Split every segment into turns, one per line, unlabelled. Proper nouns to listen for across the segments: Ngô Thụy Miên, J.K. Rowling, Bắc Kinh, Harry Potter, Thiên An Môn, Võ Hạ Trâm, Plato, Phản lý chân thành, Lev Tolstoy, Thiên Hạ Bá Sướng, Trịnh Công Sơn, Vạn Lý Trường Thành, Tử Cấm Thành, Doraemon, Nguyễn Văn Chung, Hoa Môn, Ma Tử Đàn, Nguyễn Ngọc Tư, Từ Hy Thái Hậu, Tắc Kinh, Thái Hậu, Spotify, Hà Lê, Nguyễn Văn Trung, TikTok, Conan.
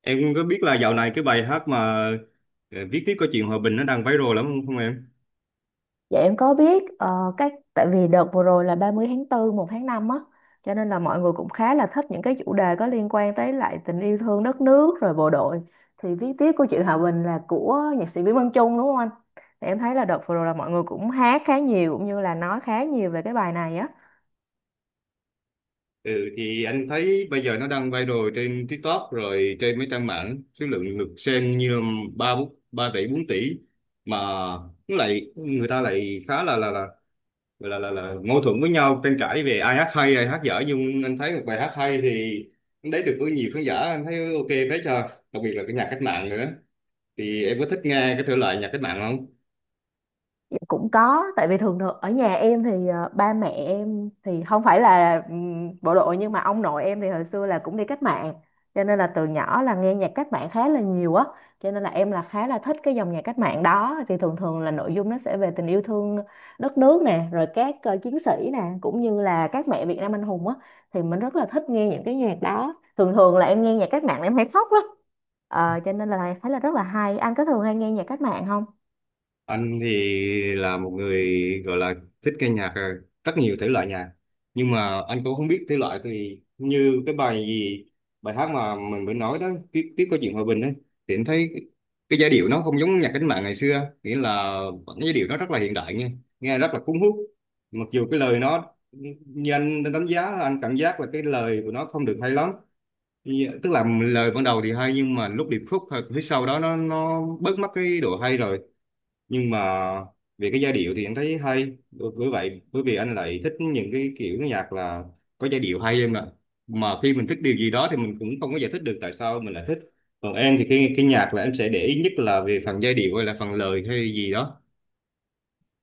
Em có biết là dạo này cái bài hát mà viết tiếp câu chuyện hòa bình nó đang viral lắm không, không em?
Dạ em có biết, ờ, các tại vì đợt vừa rồi là 30 tháng tư, một tháng 5 á, cho nên là mọi người cũng khá là thích những cái chủ đề có liên quan tới lại tình yêu thương đất nước rồi bộ đội. Thì viết tiếp của chị Hòa Bình là của nhạc sĩ Nguyễn Văn Chung đúng không anh? Thì em thấy là đợt vừa rồi là mọi người cũng hát khá nhiều cũng như là nói khá nhiều về cái bài này á.
Ừ thì anh thấy bây giờ nó đang viral trên TikTok rồi trên mấy trang mạng số lượng lượt xem như là ba tỷ 4 tỷ mà nó lại người ta lại khá là là mâu thuẫn với nhau tranh cãi về ai hát hay ai hát dở, nhưng anh thấy một bài hát hay thì nó lấy được với nhiều khán giả. Anh thấy ok phết, cho đặc biệt là cái nhạc cách mạng nữa. Thì em có thích nghe cái thể loại nhạc cách mạng không?
Dạ, cũng có, tại vì thường thường ở nhà em thì ba mẹ em thì không phải là bộ đội, nhưng mà ông nội em thì hồi xưa là cũng đi cách mạng, cho nên là từ nhỏ là nghe nhạc cách mạng khá là nhiều á, cho nên là em là khá là thích cái dòng nhạc cách mạng đó. Thì thường thường là nội dung nó sẽ về tình yêu thương đất nước nè, rồi các chiến sĩ nè, cũng như là các mẹ Việt Nam anh hùng á, thì mình rất là thích nghe những cái nhạc đó. Thường thường là em nghe nhạc cách mạng là em hay khóc lắm. Ờ, cho nên là thấy là rất là hay. Anh có thường hay nghe nhạc cách mạng không?
Anh thì là một người gọi là thích nghe nhạc rất nhiều thể loại nhạc, nhưng mà anh cũng không biết thể loại thì như cái bài gì, bài hát mà mình mới nói đó, tiếp tiếp có chuyện hòa bình đấy, thì anh thấy cái giai điệu nó không giống nhạc cách mạng ngày xưa, nghĩa là vẫn cái giai điệu nó rất là hiện đại, nghe nghe rất là cuốn hút. Mặc dù cái lời nó, như anh đánh giá, là anh cảm giác là cái lời của nó không được hay lắm. Như- tức là lời ban đầu thì hay, nhưng mà lúc điệp khúc hoặc phía sau đó nó bớt mất cái độ hay rồi. Nhưng mà về cái giai điệu thì anh thấy hay, bởi bởi vậy bởi vì anh lại thích những cái kiểu nhạc là có giai điệu hay em ạ. Mà khi mình thích điều gì đó thì mình cũng không có giải thích được tại sao mình lại thích. Còn em thì cái nhạc là em sẽ để ý nhất là về phần giai điệu hay là phần lời hay gì đó?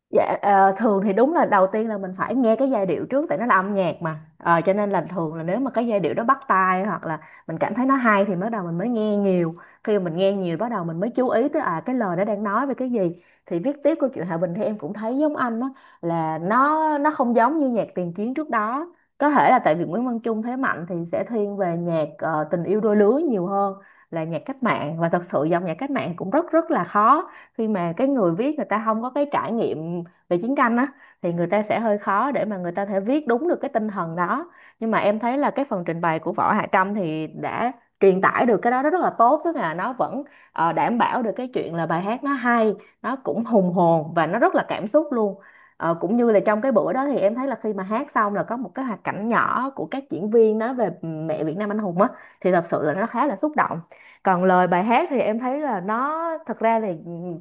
Dạ, ờ, thường thì đúng là đầu tiên là mình phải nghe cái giai điệu trước, tại nó là âm nhạc mà. Ờ, cho nên là thường là nếu mà cái giai điệu đó bắt tai, hoặc là mình cảm thấy nó hay, thì bắt đầu mình mới nghe nhiều. Khi mà mình nghe nhiều bắt đầu mình mới chú ý tới, à, cái lời nó đang nói về cái gì. Thì viết tiếp câu chuyện Hòa Bình thì em cũng thấy giống anh đó, là nó không giống như nhạc tiền chiến trước đó. Có thể là tại vì Nguyễn Văn Chung thế mạnh thì sẽ thiên về nhạc tình yêu đôi lứa nhiều hơn là nhạc cách mạng. Và thật sự dòng nhạc cách mạng cũng rất rất là khó, khi mà cái người viết người ta không có cái trải nghiệm về chiến tranh á, thì người ta sẽ hơi khó để mà người ta thể viết đúng được cái tinh thần đó. Nhưng mà em thấy là cái phần trình bày của Võ Hạ Trâm thì đã truyền tải được cái đó rất là tốt, tức là nó vẫn đảm bảo được cái chuyện là bài hát nó hay, nó cũng hùng hồn và nó rất là cảm xúc luôn. Ờ, cũng như là trong cái bữa đó thì em thấy là khi mà hát xong là có một cái hoạt cảnh nhỏ của các diễn viên nói về mẹ Việt Nam anh hùng á, thì thật sự là nó khá là xúc động. Còn lời bài hát thì em thấy là nó, thật ra thì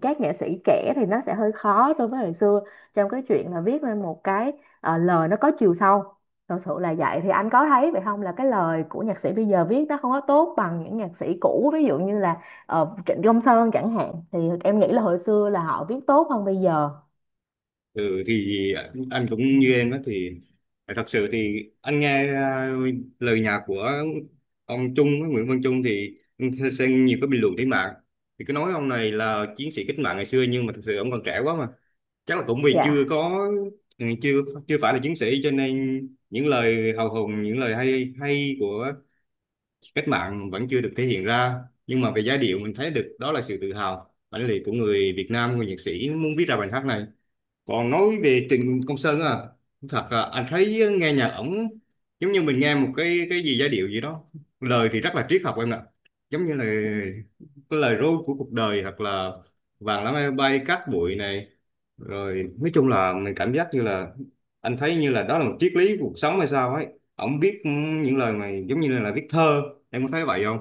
các nghệ sĩ trẻ thì nó sẽ hơi khó so với hồi xưa trong cái chuyện là viết lên một cái lời nó có chiều sâu. Thật sự là vậy, thì anh có thấy vậy không, là cái lời của nhạc sĩ bây giờ viết nó không có tốt bằng những nhạc sĩ cũ, ví dụ như là Trịnh Công Sơn chẳng hạn? Thì em nghĩ là hồi xưa là họ viết tốt hơn bây giờ.
Ừ, thì anh cũng như em đó. Thì thật sự thì anh nghe lời nhạc của ông Nguyễn Văn Trung, thì anh xem nhiều cái bình luận trên mạng thì cứ nói ông này là chiến sĩ cách mạng ngày xưa, nhưng mà thật sự ông còn trẻ quá mà, chắc là cũng vì chưa
Dạ.
có, chưa chưa phải là chiến sĩ, cho nên những lời hào hùng, những lời hay hay của cách mạng vẫn chưa được thể hiện ra. Nhưng mà về giai điệu mình thấy được đó là sự tự hào, bản lĩnh của người Việt Nam, người nhạc sĩ muốn viết ra bài hát này. Còn nói về Trịnh Công Sơn à, thật là anh thấy nghe nhạc ổng giống như mình nghe một cái gì giai điệu gì đó, lời thì rất là triết học em ạ. Giống như là cái lời ru của cuộc đời, hoặc là vàng lá bay bay cát bụi này, rồi nói chung là mình cảm giác như là, anh thấy như là đó là một triết lý cuộc sống hay sao ấy. Ổng viết những lời này giống như là viết thơ, em có thấy vậy không?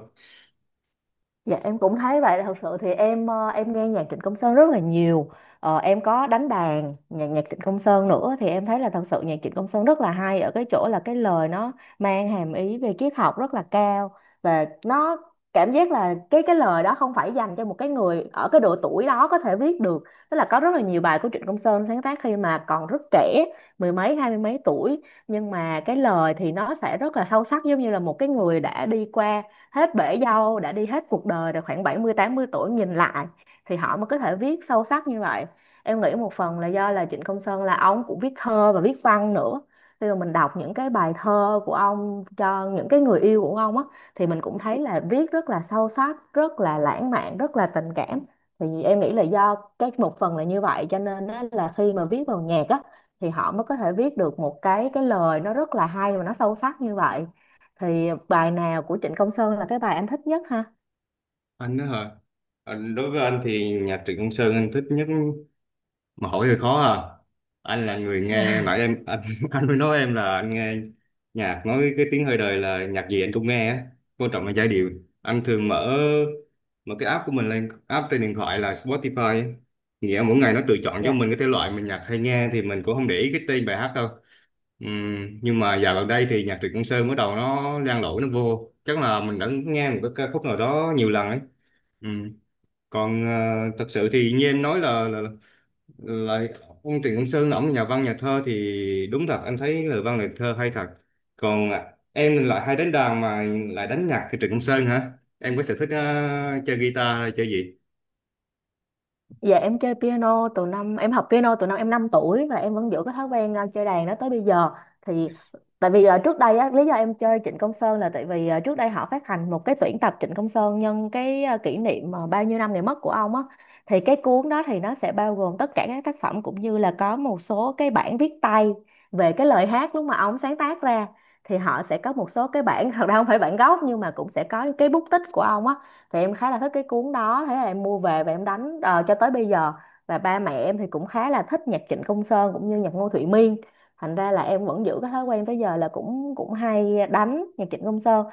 Dạ em cũng thấy vậy. Thật sự thì em, em nghe nhạc Trịnh Công Sơn rất là nhiều, ờ, em có đánh đàn nhạc nhạc Trịnh Công Sơn nữa, thì em thấy là thật sự nhạc Trịnh Công Sơn rất là hay ở cái chỗ là cái lời nó mang hàm ý về triết học rất là cao. Và nó cảm giác là cái lời đó không phải dành cho một cái người ở cái độ tuổi đó có thể viết được. Tức là có rất là nhiều bài của Trịnh Công Sơn sáng tác khi mà còn rất trẻ, mười mấy hai mươi mấy tuổi, nhưng mà cái lời thì nó sẽ rất là sâu sắc, giống như là một cái người đã đi qua hết bể dâu, đã đi hết cuộc đời rồi, khoảng bảy mươi tám mươi tuổi nhìn lại thì họ mới có thể viết sâu sắc như vậy. Em nghĩ một phần là do là Trịnh Công Sơn là ông cũng viết thơ và viết văn nữa. Khi mà mình đọc những cái bài thơ của ông cho những cái người yêu của ông á, thì mình cũng thấy là viết rất là sâu sắc, rất là lãng mạn, rất là tình cảm. Thì em nghĩ là do cái một phần là như vậy, cho nên á, là khi mà viết vào nhạc á, thì họ mới có thể viết được một cái lời nó rất là hay và nó sâu sắc như vậy. Thì ờ, bài nào của Trịnh Công Sơn là cái bài anh thích nhất ha?
Anh đó hả? Ờ, đối với anh thì nhạc Trịnh Công Sơn anh thích nhất mà hỏi hơi khó à. Anh là người nghe nãy em anh anh mới nói em là anh nghe nhạc, nói cái tiếng hơi đời, là nhạc gì anh cũng nghe á, quan trọng là giai điệu. Anh thường mở mở cái app của mình lên, app trên điện thoại là Spotify á. Nghĩa mỗi ngày nó tự chọn cho
Dạ.
mình cái thể loại mình nhạc hay nghe, thì mình cũng không để ý cái tên bài hát đâu. Nhưng mà dạo gần đây thì nhạc Trịnh Công Sơn bắt đầu nó lan lỗi nó vô, chắc là mình đã nghe một cái ca khúc nào đó nhiều lần ấy. Ừm. Còn thật sự thì như em nói là, lại ông Trịnh Công Sơn ổng nhà văn nhà thơ, thì đúng thật anh thấy lời văn lời thơ hay thật. Còn à, em lại hay đánh đàn mà, lại đánh nhạc thì Trịnh Công Sơn hả? Em có sở thích chơi guitar hay chơi gì?
Dạ em chơi piano từ năm em học piano từ năm em 5 tuổi, và em vẫn giữ cái thói quen, à, chơi đàn đó tới bây giờ. Thì tại vì, à, trước đây á, lý do em chơi Trịnh Công Sơn là tại vì, à, trước đây họ phát hành một cái tuyển tập Trịnh Công Sơn nhân cái, à, kỷ niệm mà bao nhiêu năm ngày mất của ông á. Thì cái cuốn đó thì nó sẽ bao gồm tất cả các tác phẩm, cũng như là có một số cái bản viết tay về cái lời hát lúc mà ông sáng tác ra. Thì họ sẽ có một số cái bản thật ra không phải bản gốc, nhưng mà cũng sẽ có cái bút tích của ông á. Thì em khá là thích cái cuốn đó, thế là em mua về và em đánh, ờ, cho tới bây giờ. Và ba mẹ em thì cũng khá là thích nhạc Trịnh Công Sơn cũng như nhạc Ngô Thụy Miên, thành ra là em vẫn giữ cái thói quen tới giờ là cũng cũng hay đánh nhạc Trịnh Công Sơn.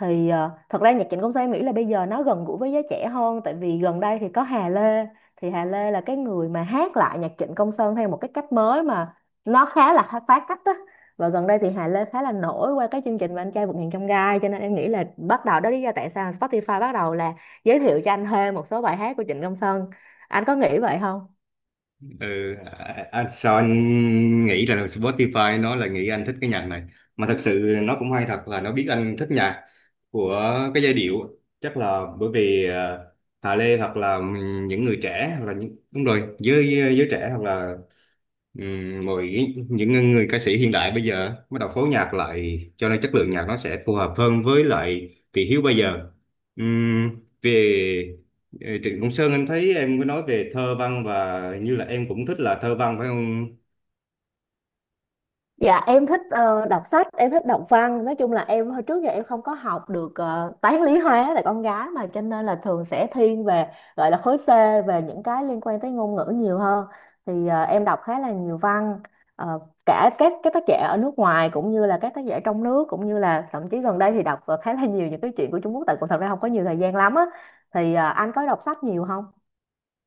Thì ờ, thật ra nhạc Trịnh Công Sơn em nghĩ là bây giờ nó gần gũi với giới trẻ hơn, tại vì gần đây thì có Hà Lê. Thì Hà Lê là cái người mà hát lại nhạc Trịnh Công Sơn theo một cái cách mới mà nó khá là phá cách á. Và gần đây thì Hà Lê khá là nổi qua cái chương trình mà Anh Trai Vượt Ngàn Chông Gai, cho nên em nghĩ là bắt đầu đó lý do tại sao Spotify bắt đầu là giới thiệu cho anh thêm một số bài hát của Trịnh Công Sơn. Anh có nghĩ vậy không?
Ừ à, à, sao anh nghĩ là Spotify nó là nghĩ anh thích cái nhạc này, mà thật sự nó cũng hay thật là nó biết anh thích nhạc của cái giai điệu. Chắc là bởi vì Hà Lê hoặc là những người trẻ, hoặc là những, đúng rồi, giới giới trẻ, hoặc là mọi những người ca sĩ hiện đại bây giờ bắt đầu phối nhạc lại, cho nên chất lượng nhạc nó sẽ phù hợp hơn với lại thị hiếu bây giờ. Ừm, về, Ờ, Trịnh Công Sơn anh thấy em có nói về thơ văn, và hình như là em cũng thích là thơ văn phải không?
Dạ em thích, ờ, đọc sách, em thích đọc văn. Nói chung là em hồi trước giờ em không có học được, ờ, toán lý hóa, là con gái mà, cho nên là thường sẽ thiên về, gọi là khối C, về những cái liên quan tới ngôn ngữ nhiều hơn. Thì ờ, em đọc khá là nhiều văn. Ờ, cả các tác giả ở nước ngoài cũng như là các tác giả trong nước, cũng như là thậm chí gần đây thì đọc, ờ, khá là nhiều những cái chuyện của Trung Quốc, tại cũng thật ra không có nhiều thời gian lắm á. Thì ờ, anh có đọc sách nhiều không?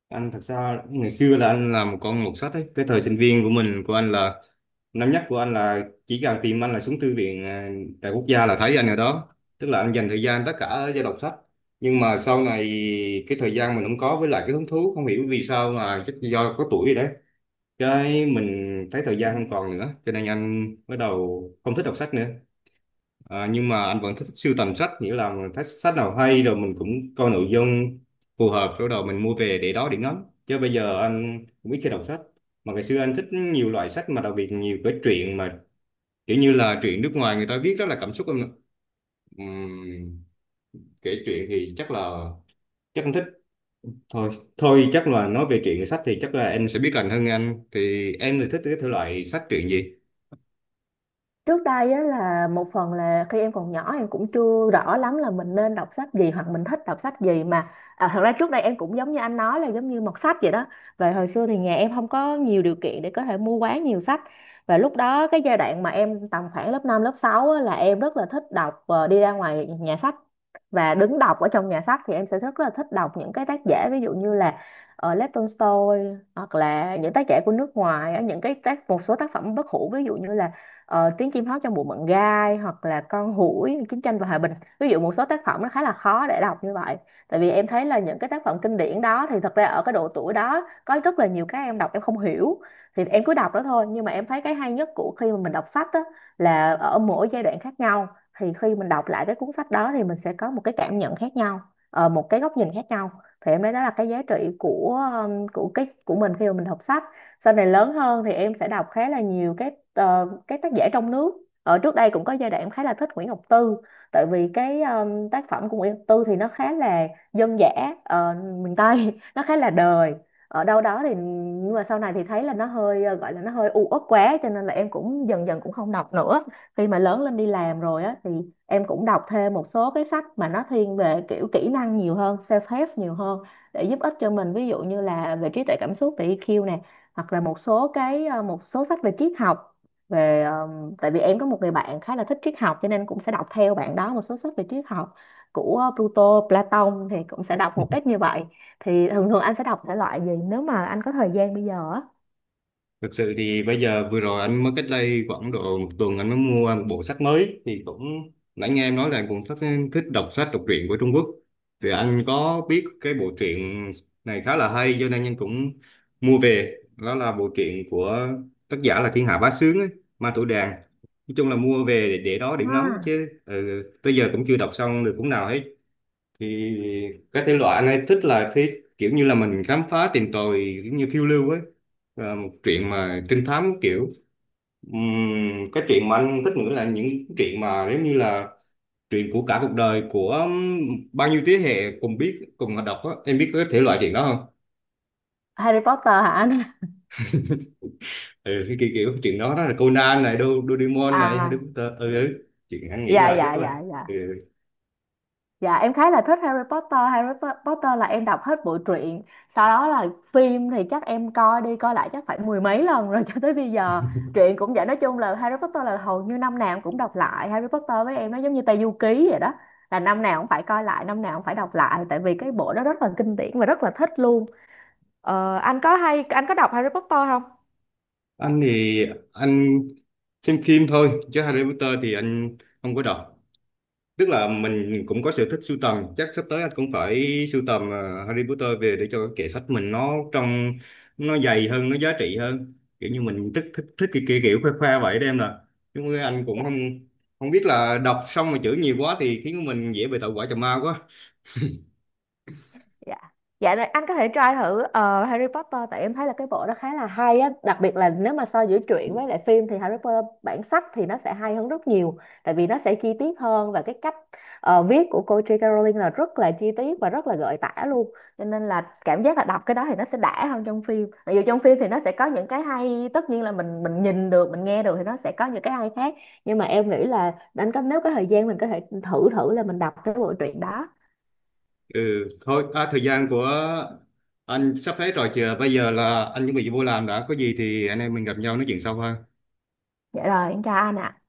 Anh thật ra ngày xưa là anh làm một con mọt sách ấy. Cái thời sinh viên của anh là năm nhất của anh là chỉ cần tìm anh là xuống thư viện à, Đại Quốc gia là thấy anh ở đó. Tức là anh dành thời gian tất cả cho đọc sách. Nhưng mà sau này cái thời gian mình không có, với lại cái hứng thú không hiểu vì sao, mà chắc do có tuổi rồi đấy. Cái mình thấy thời gian không còn nữa, cho nên anh bắt đầu không thích đọc sách nữa. À, nhưng mà anh vẫn thích sưu tầm sách, nghĩa là mình thích sách nào hay rồi mình cũng coi nội dung phù hợp rồi đầu mình mua về để đó để ngắm, chứ bây giờ anh cũng ít khi đọc sách. Mà ngày xưa anh thích nhiều loại sách, mà đặc biệt nhiều cái truyện mà kiểu như là truyện nước ngoài người ta viết rất là cảm xúc em ạ. Ừm, kể chuyện thì chắc là, chắc anh thích thôi thôi chắc là nói về truyện sách thì chắc là em sẽ biết lành hơn anh. Thì em thì thích cái thể loại sách truyện gì?
Trước đây á, là một phần là khi em còn nhỏ em cũng chưa rõ lắm là mình nên đọc sách gì hoặc mình thích đọc sách gì mà, à, thật ra trước đây em cũng giống như anh nói là giống như mọt sách vậy đó. Và hồi xưa thì nhà em không có nhiều điều kiện để có thể mua quá nhiều sách. Và lúc đó cái giai đoạn mà em tầm khoảng lớp 5 lớp 6 á, là em rất là thích đọc, ờ, đi ra ngoài nhà sách và đứng đọc ở trong nhà sách. Thì em sẽ rất là thích đọc những cái tác giả ví dụ như là ở Lev Tolstoy, hoặc là những tác giả của nước ngoài á, những cái tác, một số tác phẩm bất hủ ví dụ như là Tiếng Chim Hót Trong Bụi Mận Gai, hoặc là Con Hủi, Chiến Tranh Và Hòa Bình, ví dụ một số tác phẩm nó khá là khó để đọc như vậy. Tại vì em thấy là những cái tác phẩm kinh điển đó thì thật ra ở cái độ tuổi đó có rất là nhiều cái em đọc em không hiểu, thì em cứ đọc đó thôi. Nhưng mà em thấy cái hay nhất của khi mà mình đọc sách đó là ở mỗi giai đoạn khác nhau, thì khi mình đọc lại cái cuốn sách đó thì mình sẽ có một cái cảm nhận khác nhau, ờ, một cái góc nhìn khác nhau. Thì em thấy đó là cái giá trị của cái của mình khi mà mình đọc sách. Sau này lớn hơn thì em sẽ đọc khá là nhiều các, ờ, các tác giả trong nước. Ở trước đây cũng có giai đoạn em khá là thích Nguyễn Ngọc Tư, tại vì cái tác phẩm của Nguyễn Ngọc Tư thì nó khá là dân dã, ờ, miền Tây nó khá là đời ở đâu đó thì. Nhưng mà sau này thì thấy là nó hơi, ờ, gọi là nó hơi u uất quá, cho nên là em cũng dần dần cũng không đọc nữa. Khi mà lớn lên đi làm rồi á, thì em cũng đọc thêm một số cái sách mà nó thiên về kiểu kỹ năng nhiều hơn, self help nhiều hơn, để giúp ích cho mình, ví dụ như là về trí tuệ cảm xúc, về EQ nè, hoặc là một số cái, ờ, một số sách về triết học, về tại vì em có một người bạn khá là thích triết học cho nên cũng sẽ đọc theo bạn đó một số sách về triết học, của Pluto, Platon, thì cũng sẽ đọc một ít như vậy. Thì thường thường anh sẽ đọc thể loại gì nếu mà anh có thời gian bây giờ á?
Thực sự thì bây giờ vừa rồi anh mới, cách đây khoảng độ một tuần anh mới mua một bộ sách mới, thì cũng nãy nghe em nói là cuốn sách thích đọc sách đọc truyện của Trung Quốc, thì anh có biết cái bộ truyện này khá là hay, cho nên anh cũng mua về. Đó là bộ truyện của tác giả là Thiên Hạ Bá Sướng ấy, Ma Tử Đàn, nói chung là mua về để đó để ngắm,
À.
chứ ừ, tới giờ cũng chưa đọc xong được cuốn nào hết. Thì cái thể loại anh ấy thích là thế, kiểu như là mình khám phá tìm tòi giống như phiêu lưu ấy. Và một chuyện mà trinh thám kiểu. Ừm, cái chuyện mà anh thích nữa là những chuyện mà giống như là chuyện của cả cuộc đời của bao nhiêu thế hệ cùng biết cùng đọc á, em biết cái thể loại chuyện đó không?
Harry Potter hả anh?
Ừ, cái kiểu chuyện đó đó là Conan này, Do- Doraemon này, Harry
À
Potter, ừ, ừ. Chuyện anh nghĩ
dạ,
là
dạ,
chắc là
dạ, dạ.
ừ.
Dạ em khá là thích Harry Potter. Harry Potter là em đọc hết bộ truyện. Sau đó là phim thì chắc em coi đi coi lại chắc phải mười mấy lần rồi cho tới bây giờ. Truyện cũng vậy, nói chung là Harry Potter là hầu như năm nào em cũng đọc lại. Harry Potter với em nó giống như Tây Du Ký vậy đó, là năm nào cũng phải coi lại, năm nào cũng phải đọc lại. Tại vì cái bộ đó rất là kinh điển và rất là thích luôn. Ờ, anh có hay, anh có đọc Harry Potter không?
Anh thì anh xem phim thôi, chứ Harry Potter thì anh không có đọc. Tức là mình cũng có sở thích sưu tầm, chắc sắp tới anh cũng phải sưu tầm à, Harry Potter về để cho cái kệ sách mình nó trong, nó dày hơn nó giá trị hơn, kiểu như mình thích thích thích cái kiểu khoe khoe vậy đó em nè. Nhưng mà anh cũng không không biết là đọc xong mà chữ nhiều quá thì khiến mình dễ bị tẩu hỏa trầm ma quá.
Dạ, dạ này, anh có thể try thử, ờ, Harry Potter, tại em thấy là cái bộ đó khá là hay á, đặc biệt là nếu mà so giữa truyện với lại phim thì Harry Potter bản sách thì nó sẽ hay hơn rất nhiều. Tại vì nó sẽ chi tiết hơn, và cái cách, ờ, viết của cô J.K. Rowling là rất là chi tiết và rất là gợi tả luôn, cho nên là cảm giác là đọc cái đó thì nó sẽ đã hơn trong phim. Mặc dù trong phim thì nó sẽ có những cái hay, tất nhiên là mình nhìn được mình nghe được thì nó sẽ có những cái hay khác, nhưng mà em nghĩ là anh có, nếu có thời gian mình có thể thử thử là mình đọc cái bộ truyện đó.
Ừ thôi à, thời gian của anh sắp hết rồi, chờ bây giờ là anh chuẩn bị vô làm đã, có gì thì anh em mình gặp nhau nói chuyện sau ha.
Dạ rồi em chào anh ạ.